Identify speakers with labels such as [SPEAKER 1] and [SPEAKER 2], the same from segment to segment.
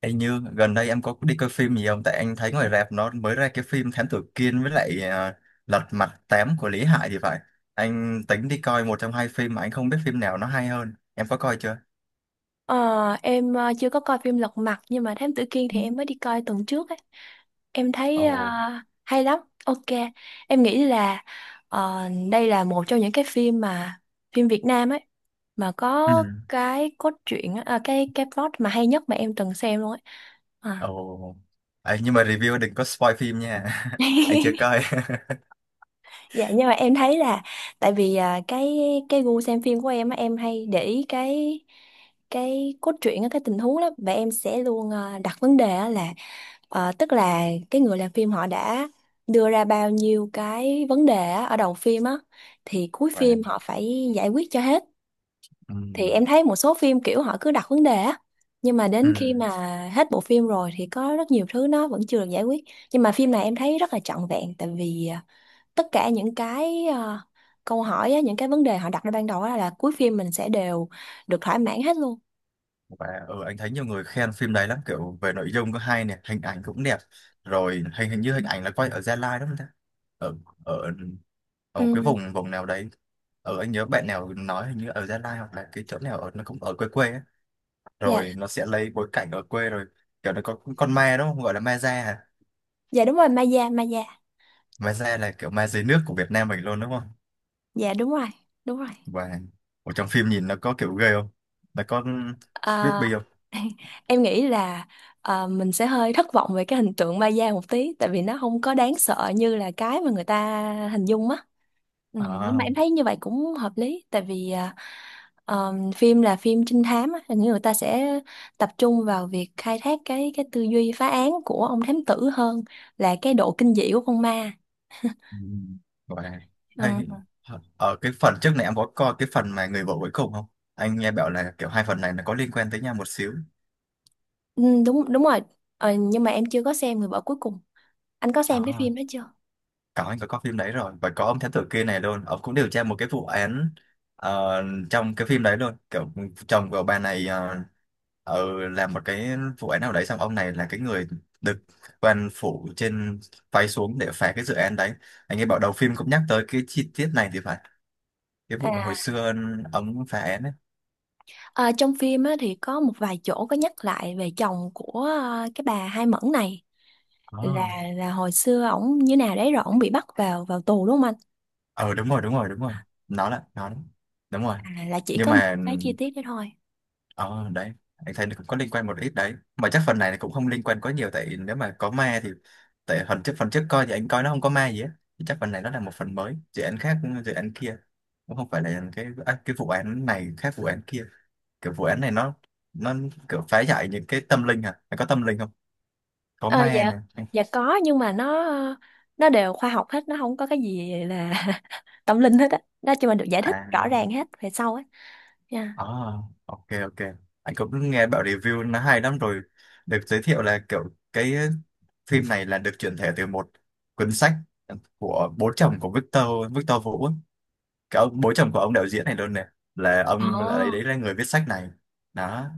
[SPEAKER 1] Anh Như, gần đây em có đi coi phim gì không? Tại anh thấy ngoài rạp nó mới ra cái phim Thám Tử Kiên với lại Lật Mặt Tám của Lý Hải thì phải. Anh tính đi coi một trong hai phim mà anh không biết phim nào nó hay hơn. Em có coi chưa?
[SPEAKER 2] Ờ, em chưa có coi phim Lật Mặt nhưng mà Thám Tử Kiên
[SPEAKER 1] Ừ.
[SPEAKER 2] thì em mới đi coi tuần trước ấy. Em thấy
[SPEAKER 1] Ồ.
[SPEAKER 2] hay lắm. Ok. Em nghĩ là ờ, đây là một trong những cái phim mà phim Việt Nam ấy mà
[SPEAKER 1] Ừ.
[SPEAKER 2] có cái cốt truyện á, cái plot mà hay nhất mà em từng xem luôn ấy. À.
[SPEAKER 1] Ồ. Ấy, nhưng mà review đừng có spoil phim nha. Anh chưa coi.
[SPEAKER 2] Dạ nhưng mà em thấy là tại vì cái gu xem phim của em á, em hay để ý cái cốt truyện á, cái tình huống lắm và em sẽ luôn đặt vấn đề á là tức là cái người làm phim họ đã đưa ra bao nhiêu cái vấn đề á, ở đầu phim á thì cuối
[SPEAKER 1] Và
[SPEAKER 2] phim họ phải giải quyết cho hết.
[SPEAKER 1] ừ.
[SPEAKER 2] Thì em thấy một số phim kiểu họ cứ đặt vấn đề á nhưng mà
[SPEAKER 1] Ừ.
[SPEAKER 2] đến khi mà hết bộ phim rồi thì có rất nhiều thứ nó vẫn chưa được giải quyết. Nhưng mà phim này em thấy rất là trọn vẹn tại vì tất cả những cái câu hỏi á, những cái vấn đề họ đặt ra ban đầu á là cuối phim mình sẽ đều được thỏa mãn hết luôn.
[SPEAKER 1] Và anh thấy nhiều người khen phim đấy lắm, kiểu về nội dung có hay nè, hình ảnh cũng đẹp. Rồi hình hình như hình ảnh là quay ở Gia Lai đúng không ta? Ở ở ở một cái
[SPEAKER 2] Ừ.
[SPEAKER 1] vùng vùng nào đấy, ở anh nhớ bạn nào nói hình như ở Gia Lai hoặc là cái chỗ nào ở nó cũng ở quê quê á,
[SPEAKER 2] Dạ,
[SPEAKER 1] rồi nó sẽ lấy bối cảnh ở quê. Rồi kiểu nó có con ma đúng không, gọi là ma da à?
[SPEAKER 2] dạ, đúng rồi, Maya, Maya.
[SPEAKER 1] Ma da là kiểu ma dưới nước của Việt Nam mình luôn đúng không?
[SPEAKER 2] Dạ, đúng rồi. Đúng rồi.
[SPEAKER 1] Và ở trong phim nhìn nó có kiểu ghê không, nó có
[SPEAKER 2] À,
[SPEAKER 1] creepy không?
[SPEAKER 2] em nghĩ là mình sẽ hơi thất vọng về cái hình tượng ma da một tí tại vì nó không có đáng sợ như là cái mà người ta hình dung á. Ừ, nhưng mà
[SPEAKER 1] À,
[SPEAKER 2] em thấy như vậy cũng hợp lý tại vì phim là phim trinh thám á, hình như người ta sẽ tập trung vào việc khai thác cái tư duy phá án của ông thám tử hơn là cái độ kinh dị của con ma.
[SPEAKER 1] ừ, và hay
[SPEAKER 2] Ừ,
[SPEAKER 1] ở cái phần trước này em có coi cái phần mà người vợ cuối cùng không? Anh nghe bảo là kiểu hai phần này nó có liên quan tới nhau một xíu.
[SPEAKER 2] ừ, đúng đúng rồi. Ờ, nhưng mà em chưa có xem Người Vợ Cuối Cùng. Anh có xem cái
[SPEAKER 1] à,
[SPEAKER 2] phim đó chưa?
[SPEAKER 1] có, anh có coi phim đấy rồi và có ông thám tử kia này luôn, ông cũng điều tra một cái vụ án ờ, trong cái phim đấy luôn, kiểu chồng của bà này làm một cái vụ án nào đấy, xong ông này là cái người được quan phủ trên phái xuống để phá cái dự án đấy. Anh nghe bảo đầu phim cũng nhắc tới cái chi tiết này thì phải, cái vụ mà hồi
[SPEAKER 2] À.
[SPEAKER 1] xưa ông phá án ấy.
[SPEAKER 2] Ờ, trong phim á, thì có một vài chỗ có nhắc lại về chồng của cái bà Hai Mẫn này, là
[SPEAKER 1] À.
[SPEAKER 2] là hồi xưa ổng như nào đấy rồi ổng bị bắt vào vào tù đúng không anh?
[SPEAKER 1] Ờ đúng rồi, đúng rồi, đúng rồi, nó là nó, đúng rồi.
[SPEAKER 2] À, là chỉ
[SPEAKER 1] Nhưng
[SPEAKER 2] có một
[SPEAKER 1] mà,
[SPEAKER 2] cái chi tiết đấy thôi.
[SPEAKER 1] ờ đấy, anh thấy nó cũng có liên quan một ít đấy. Mà chắc phần này là cũng không liên quan quá nhiều, tại nếu mà có ma thì tại phần trước coi thì anh coi nó không có ma gì á. Thì chắc phần này nó là một phần mới, dự án khác, dự án kia. Cũng không phải là cái cái vụ án này khác vụ án kia. Kiểu vụ án này nó kiểu phá giải những cái tâm linh à? Nó có tâm linh không? Có
[SPEAKER 2] Ờ,
[SPEAKER 1] ma
[SPEAKER 2] dạ.
[SPEAKER 1] nè.
[SPEAKER 2] Dạ có, nhưng mà nó đều khoa học hết, nó không có cái gì là tâm linh hết á. Nó chỉ mà được giải
[SPEAKER 1] À.
[SPEAKER 2] thích rõ ràng hết về sau á. Yeah.
[SPEAKER 1] À, ok ok. Anh cũng nghe bảo review nó hay lắm rồi. Được giới thiệu là kiểu cái phim này là được chuyển thể từ một cuốn sách của bố chồng của Victor Victor Vũ ấy. Cái ông bố chồng của ông đạo diễn này luôn này là ông là đấy,
[SPEAKER 2] Ồ,
[SPEAKER 1] đấy là người viết sách này. Đó,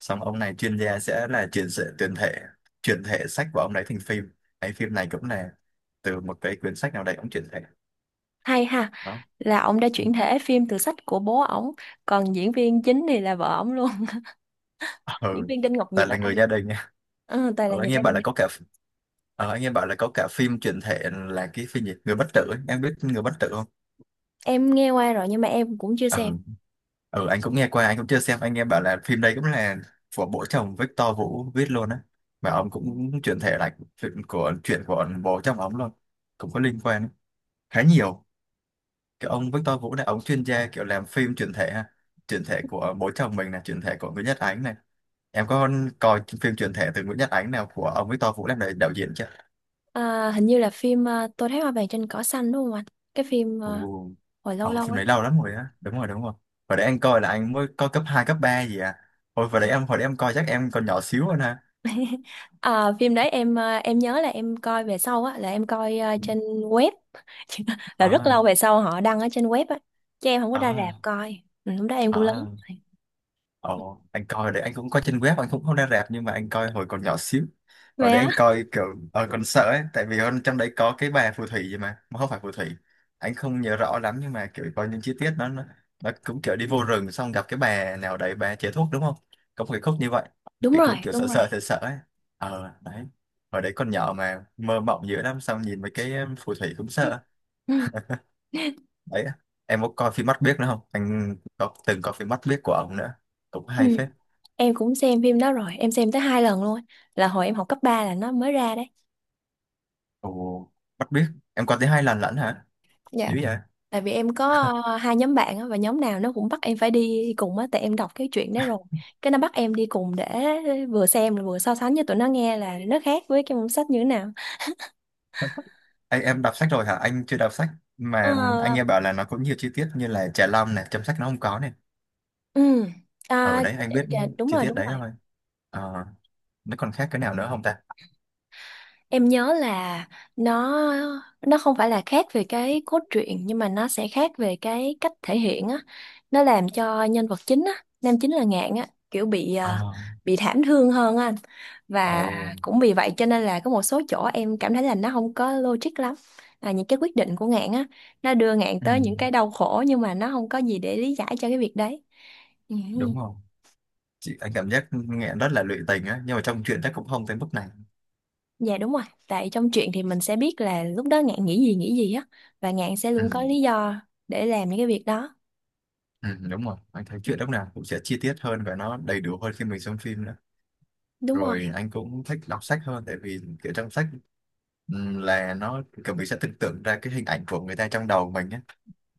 [SPEAKER 1] xong ông này chuyên gia sẽ là chuyển thể sách của ông đấy thành phim. Cái phim này cũng là từ một cái quyển sách nào đấy ông chuyển thể.
[SPEAKER 2] hay ha.
[SPEAKER 1] Đó.
[SPEAKER 2] Là ông đã chuyển thể phim từ sách của bố ổng, còn diễn viên chính thì là vợ ổng luôn. Diễn
[SPEAKER 1] Ừ,
[SPEAKER 2] viên Đinh Ngọc
[SPEAKER 1] ta
[SPEAKER 2] Diệp á
[SPEAKER 1] là người
[SPEAKER 2] anh.
[SPEAKER 1] gia đình.
[SPEAKER 2] Ờ, Tài là
[SPEAKER 1] Ờ,
[SPEAKER 2] người
[SPEAKER 1] anh nghe
[SPEAKER 2] gia
[SPEAKER 1] bảo
[SPEAKER 2] đình.
[SPEAKER 1] là có cả anh nghe bảo là có cả phim chuyển thể là cái phim gì người bất tử ấy. Em biết người bất tử không?
[SPEAKER 2] Em nghe qua rồi nhưng mà em cũng chưa xem.
[SPEAKER 1] Ừ. Ừ, anh cũng nghe qua, anh cũng chưa xem. Anh nghe bảo là phim đây cũng là của bố chồng Victor Vũ viết luôn á, mà ông cũng chuyển thể lại chuyện của bố chồng ông luôn, cũng có liên quan khá nhiều. Cái ông Victor Vũ này ông chuyên gia kiểu làm phim chuyển thể ha, chuyển thể của bố chồng mình, là chuyển thể của Nguyễn Nhật Ánh này. Em có coi phim chuyển thể từ Nguyễn Nhật Ánh nào của ông Victor Vũ làm đạo đạo diễn chưa?
[SPEAKER 2] À, hình như là phim Tôi thấy hoa vàng trên cỏ xanh đúng không anh? Cái phim
[SPEAKER 1] Ồ.
[SPEAKER 2] hồi
[SPEAKER 1] Ờ,
[SPEAKER 2] lâu lâu
[SPEAKER 1] phim
[SPEAKER 2] ấy.
[SPEAKER 1] đấy lâu lắm rồi á. Đúng rồi, đúng rồi. Hồi đấy anh coi là anh mới coi cấp 2 cấp 3 gì à. Hồi đấy em, hồi đấy em coi chắc em còn nhỏ xíu hơn ha.
[SPEAKER 2] À, phim đấy em nhớ là em coi về sau á, là em coi
[SPEAKER 1] Ừ.
[SPEAKER 2] trên web. Là rất
[SPEAKER 1] Ờ,
[SPEAKER 2] lâu về sau họ đăng ở trên web á, chứ em không có
[SPEAKER 1] ờ,
[SPEAKER 2] ra rạp coi. Ừ, lúc đó em cũng lớn
[SPEAKER 1] ờ.
[SPEAKER 2] rồi.
[SPEAKER 1] Ồ, anh coi đấy anh cũng coi trên web, anh cũng không ra rạp, nhưng mà anh coi hồi còn nhỏ xíu.
[SPEAKER 2] Vậy
[SPEAKER 1] Hồi đấy
[SPEAKER 2] hả?
[SPEAKER 1] anh coi kiểu còn sợ ấy, tại vì ở trong đấy có cái bà phù thủy gì mà không phải phù thủy, anh không nhớ rõ lắm, nhưng mà kiểu có những chi tiết nó cũng kiểu đi vô rừng xong gặp cái bà nào đấy, bà chế thuốc đúng không, có một cái khúc như vậy.
[SPEAKER 2] Đúng
[SPEAKER 1] Thì
[SPEAKER 2] rồi,
[SPEAKER 1] cũng kiểu sợ
[SPEAKER 2] đúng rồi.
[SPEAKER 1] sợ sợ sợ ấy. Ờ đấy, hồi đấy con nhỏ mà mơ mộng dữ lắm, xong nhìn mấy cái phù thủy cũng sợ
[SPEAKER 2] Ừ.
[SPEAKER 1] đấy. Em có coi phim mắt biếc nữa không, anh có từng coi phim mắt biếc của ông nữa, cũng
[SPEAKER 2] Ừ.
[SPEAKER 1] hay phết.
[SPEAKER 2] Em cũng xem phim đó rồi, em xem tới 2 lần luôn. Là hồi em học cấp 3 là nó mới ra đấy.
[SPEAKER 1] Ồ, bắt biết. Em có tới hai lần lận hả?
[SPEAKER 2] Dạ.
[SPEAKER 1] Như vậy?
[SPEAKER 2] Tại vì em có hai nhóm bạn á, và nhóm nào nó cũng bắt em phải đi cùng á, tại em đọc cái chuyện đấy rồi. Cái nó bắt em đi cùng để vừa xem là vừa so sánh cho tụi nó nghe là nó khác với cái môn sách như thế nào.
[SPEAKER 1] Anh, em đọc sách rồi hả? Anh chưa đọc sách,
[SPEAKER 2] Ờ,
[SPEAKER 1] mà anh nghe bảo là nó có nhiều chi tiết như là trà long này, chấm sách nó không có này.
[SPEAKER 2] ừ.
[SPEAKER 1] Ở
[SPEAKER 2] À,
[SPEAKER 1] đấy anh
[SPEAKER 2] dạ,
[SPEAKER 1] biết
[SPEAKER 2] dạ, đúng
[SPEAKER 1] chi
[SPEAKER 2] rồi,
[SPEAKER 1] tiết
[SPEAKER 2] đúng
[SPEAKER 1] đấy
[SPEAKER 2] rồi.
[SPEAKER 1] thôi. Ờ, nó còn khác cái nào nữa không ta?
[SPEAKER 2] Em nhớ là nó nó không phải là khác về cái cốt truyện nhưng mà nó sẽ khác về cái cách thể hiện á. Nó làm cho nhân vật chính á, nam chính là Ngạn á, kiểu
[SPEAKER 1] Ờ,
[SPEAKER 2] bị thảm thương hơn á anh. Và
[SPEAKER 1] ồ,
[SPEAKER 2] cũng vì vậy cho nên là có một số chỗ em cảm thấy là nó không có logic lắm. À, những cái quyết định của Ngạn á, nó đưa Ngạn
[SPEAKER 1] ừ,
[SPEAKER 2] tới những cái đau khổ nhưng mà nó không có gì để lý giải cho cái việc đấy. Ừ.
[SPEAKER 1] đúng rồi. Chị, anh cảm giác nghe rất là lụy tình á, nhưng mà trong truyện chắc cũng không tới mức này.
[SPEAKER 2] Dạ đúng rồi, tại trong truyện thì mình sẽ biết là lúc đó Ngạn nghĩ gì, nghĩ gì á, và Ngạn sẽ
[SPEAKER 1] Ừ,
[SPEAKER 2] luôn có lý do để làm những cái việc đó.
[SPEAKER 1] ừ, đúng rồi. Anh thấy truyện lúc nào cũng sẽ chi tiết hơn và nó đầy đủ hơn khi mình xem phim nữa.
[SPEAKER 2] Đúng rồi.
[SPEAKER 1] Rồi anh cũng thích đọc sách hơn, tại vì kiểu trong sách là nó kiểu mình sẽ tưởng tượng ra cái hình ảnh của người ta trong đầu mình á,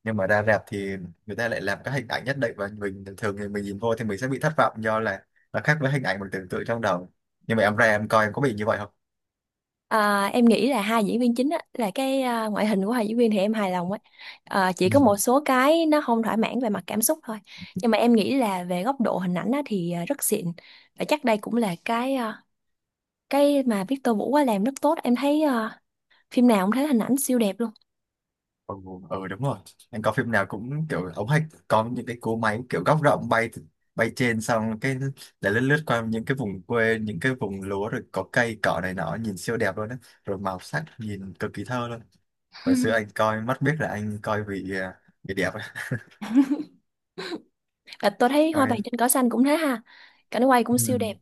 [SPEAKER 1] nhưng mà ra rạp thì người ta lại làm các hình ảnh nhất định và mình thường thì mình nhìn vô thì mình sẽ bị thất vọng, do là nó khác với hình ảnh mình tưởng tượng trong đầu. Nhưng mà em ra em coi em có bị như vậy không?
[SPEAKER 2] À, em nghĩ là hai diễn viên chính á, là cái ngoại hình của hai diễn viên thì em hài lòng ấy. À, chỉ
[SPEAKER 1] Ừ.
[SPEAKER 2] có một số cái nó không thỏa mãn về mặt cảm xúc thôi. Nhưng mà em nghĩ là về góc độ hình ảnh á thì rất xịn. Và chắc đây cũng là cái mà Victor Vũ á làm rất tốt. Em thấy phim nào cũng thấy hình ảnh siêu đẹp luôn.
[SPEAKER 1] Ừ, đúng rồi, anh coi phim nào cũng kiểu ống hạch, có những cái cỗ máy kiểu góc rộng bay bay trên xong cái để lướt lướt qua những cái vùng quê những cái vùng lúa, rồi có cây cỏ này nọ nhìn siêu đẹp luôn á, rồi màu sắc nhìn cực kỳ thơ luôn. Hồi xưa anh coi mắt biết là anh coi vì đẹp á.
[SPEAKER 2] Và tôi thấy Hoa vàng
[SPEAKER 1] Coi.
[SPEAKER 2] trên cỏ xanh cũng thế ha. Cảnh quay cũng siêu đẹp.
[SPEAKER 1] Ừ,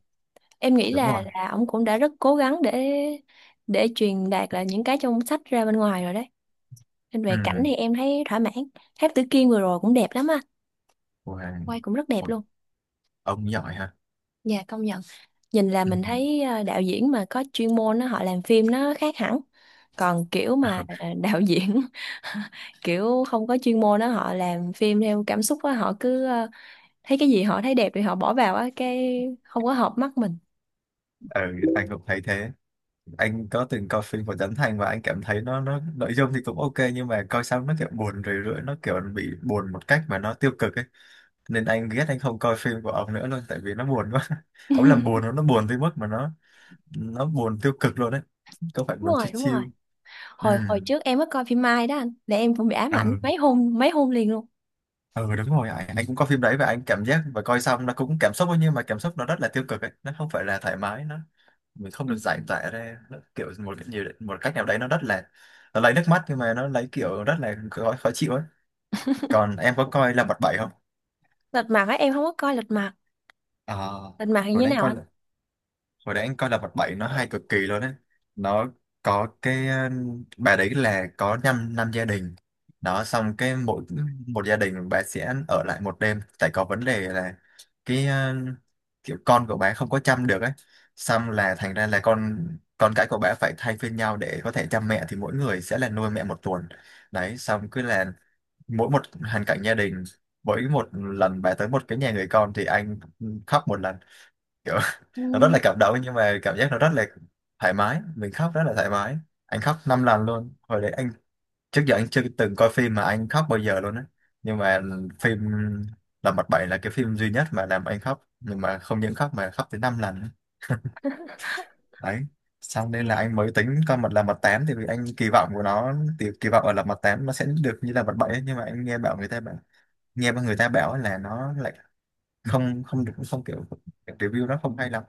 [SPEAKER 2] Em nghĩ
[SPEAKER 1] đúng rồi.
[SPEAKER 2] là ông cũng đã rất cố gắng để truyền đạt là những cái trong sách ra bên ngoài rồi đấy, nên
[SPEAKER 1] Ừ.
[SPEAKER 2] về cảnh thì em thấy thỏa mãn. Tháp Tử Kiên vừa rồi cũng đẹp lắm á,
[SPEAKER 1] Wow.
[SPEAKER 2] quay cũng rất đẹp
[SPEAKER 1] Ôi,
[SPEAKER 2] luôn.
[SPEAKER 1] ông giỏi ha.
[SPEAKER 2] Dạ, công nhận. Nhìn là
[SPEAKER 1] Ừ.
[SPEAKER 2] mình thấy đạo diễn mà có chuyên môn á họ làm phim nó khác hẳn. Còn kiểu mà
[SPEAKER 1] Ừ.
[SPEAKER 2] đạo diễn kiểu không có chuyên môn á, họ làm phim theo cảm xúc á, họ cứ thấy cái gì họ thấy đẹp thì họ bỏ vào á, cái không có hợp mắt mình.
[SPEAKER 1] Ừ, anh cũng thấy thế. Anh có từng coi phim của Trấn Thành và anh cảm thấy nó nội dung thì cũng ok, nhưng mà coi xong nó kiểu buồn rười rượi, nó kiểu bị buồn một cách mà nó tiêu cực ấy. Nên anh ghét, anh không coi phim của ông nữa luôn, tại vì nó buồn quá. Ông làm buồn, nó buồn tới mức mà nó buồn tiêu cực luôn đấy. Có phải
[SPEAKER 2] Đúng
[SPEAKER 1] buồn
[SPEAKER 2] rồi,
[SPEAKER 1] chill
[SPEAKER 2] đúng
[SPEAKER 1] chill?
[SPEAKER 2] rồi.
[SPEAKER 1] ừ
[SPEAKER 2] Hồi hồi trước em có coi phim Mai đó anh, là em cũng bị ám ảnh
[SPEAKER 1] ừ
[SPEAKER 2] mấy hôm, mấy hôm liền luôn.
[SPEAKER 1] ừ đúng rồi anh cũng có phim đấy và anh cảm giác và coi xong nó cũng cảm xúc thôi, nhưng mà cảm xúc nó rất là tiêu cực ấy. Nó không phải là thoải mái, nó mình không
[SPEAKER 2] Ừ.
[SPEAKER 1] được giải tỏa ra, nó kiểu một cái nhiều một cách nào đấy, nó rất là nó lấy nước mắt nhưng mà nó lấy kiểu rất là khó chịu ấy. Còn em có coi là bật bảy không?
[SPEAKER 2] Lật mặt á, em không có coi lật mặt.
[SPEAKER 1] À,
[SPEAKER 2] Lật mặt thì như
[SPEAKER 1] hồi
[SPEAKER 2] thế
[SPEAKER 1] đấy anh
[SPEAKER 2] nào
[SPEAKER 1] coi,
[SPEAKER 2] anh?
[SPEAKER 1] hồi đấy anh coi là vật bảy nó hay cực kỳ luôn đấy. Nó có cái bà đấy là có năm năm gia đình đó, xong cái mỗi một gia đình bà sẽ ở lại một đêm, tại có vấn đề là cái kiểu con của bà không có chăm được ấy, xong là thành ra là con cái của bà phải thay phiên nhau để có thể chăm mẹ, thì mỗi người sẽ là nuôi mẹ một tuần. Đấy, xong cứ là mỗi một hoàn cảnh gia đình, mỗi một lần bà tới một cái nhà người con thì anh khóc một lần. Nó rất
[SPEAKER 2] Ừ.
[SPEAKER 1] là cảm động, nhưng mà cảm giác nó rất là thoải mái, mình khóc rất là thoải mái. Anh khóc năm lần luôn hồi đấy anh. Trước giờ anh chưa từng coi phim mà anh khóc bao giờ luôn á, nhưng mà phim Lật Mặt Bảy là cái phim duy nhất mà làm anh khóc, nhưng mà không những khóc mà khóc tới năm lần đấy. Xong nên là anh mới tính coi mặt là mặt tám, thì vì anh kỳ vọng của nó, thì kỳ vọng ở là mặt tám nó sẽ được như là mặt bảy ấy. Nhưng mà anh nghe bảo người ta bảo nghe người ta bảo là nó lại không không được, không kiểu review nó không hay lắm.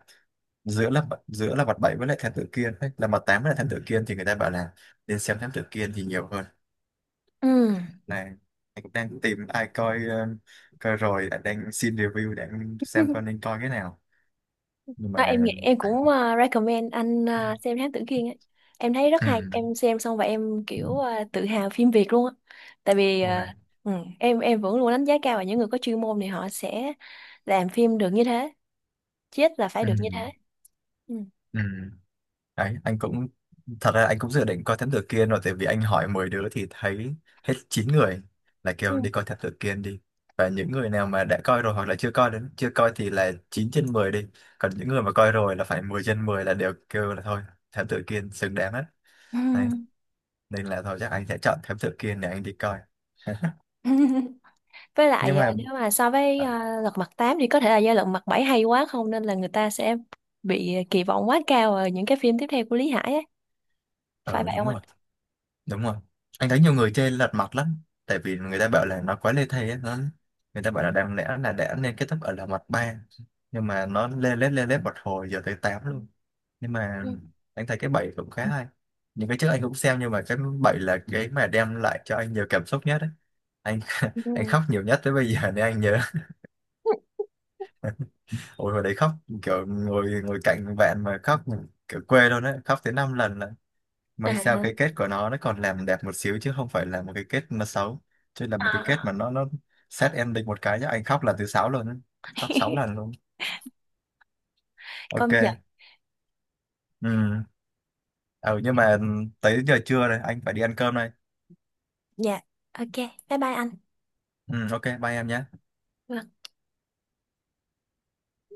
[SPEAKER 1] Giữa mặt bảy với lại thám tử kiên ấy, là mặt tám với lại thám tử kiên, thì người ta bảo là nên xem thám tử kiên thì nhiều hơn
[SPEAKER 2] Ừ.
[SPEAKER 1] này. Anh cũng đang tìm ai coi coi rồi anh đang xin review để anh xem coi nên coi cái nào. Nhưng mà
[SPEAKER 2] Đó, em nghĩ em
[SPEAKER 1] à,
[SPEAKER 2] cũng recommend anh xem Thám Tử Kiên ấy. Em thấy rất
[SPEAKER 1] ừ.
[SPEAKER 2] hay, em xem xong và em kiểu tự hào phim Việt luôn á. Tại vì
[SPEAKER 1] ok.
[SPEAKER 2] ừ, em vẫn luôn đánh giá cao vào những người có chuyên môn, thì họ sẽ làm phim được như thế, chết là phải
[SPEAKER 1] Ừ.
[SPEAKER 2] được như thế. Ừ.
[SPEAKER 1] Ừ. Đấy, anh cũng thật ra anh cũng dự định coi Thám Tử Kiên rồi, tại vì anh hỏi 10 đứa thì thấy hết 9 người là kêu đi coi Thám Tử Kiên đi. Và những người nào mà đã coi rồi hoặc là chưa coi chưa coi thì là 9/10 đi, còn những người mà coi rồi là phải 10/10, là đều kêu là thôi Thám Tử Kiên xứng đáng hết.
[SPEAKER 2] Ừ.
[SPEAKER 1] Đấy. Nên là thôi chắc anh sẽ chọn Thám Tử Kiên để anh đi coi.
[SPEAKER 2] Với
[SPEAKER 1] Nhưng
[SPEAKER 2] lại
[SPEAKER 1] mà
[SPEAKER 2] nếu mà so với
[SPEAKER 1] ờ
[SPEAKER 2] lật mặt tám thì có thể là do lật mặt bảy hay quá không, nên là người ta sẽ bị kỳ vọng quá cao ở những cái phim tiếp theo của Lý Hải ấy. Phải
[SPEAKER 1] ừ,
[SPEAKER 2] vậy
[SPEAKER 1] đúng
[SPEAKER 2] không anh?
[SPEAKER 1] rồi, đúng rồi, anh thấy nhiều người chơi lật mặt lắm, tại vì người ta bảo là nó quá lê thê á. Nó người ta bảo là đáng lẽ là đã nên kết thúc ở là mặt ba, nhưng mà nó lê lết một hồi giờ tới 8 luôn. Nhưng mà
[SPEAKER 2] Ừ.
[SPEAKER 1] anh thấy cái bảy cũng khá hay, những cái trước anh cũng xem, nhưng mà cái bảy là cái mà đem lại cho anh nhiều cảm xúc nhất ấy. Anh anh
[SPEAKER 2] Ừ.
[SPEAKER 1] khóc nhiều nhất tới bây giờ nên anh nhớ. Ôi hồi đấy khóc, kiểu ngồi ngồi cạnh bạn mà khóc, kiểu quê luôn đấy, khóc tới 5 lần. May
[SPEAKER 2] À,
[SPEAKER 1] sao cái kết của nó còn làm đẹp một xíu chứ không phải là một cái kết nó xấu, chứ là một cái kết mà
[SPEAKER 2] à.
[SPEAKER 1] nó sad ending một cái chứ anh khóc là thứ sáu luôn á. Khóc sáu lần luôn.
[SPEAKER 2] Công nhận.
[SPEAKER 1] Ok. Ừ. Ừ nhưng mà tới giờ trưa rồi anh phải đi ăn cơm đây.
[SPEAKER 2] Dạ. Ok. Bye bye anh.
[SPEAKER 1] Ừ ok, bye em nhé.
[SPEAKER 2] Vâng.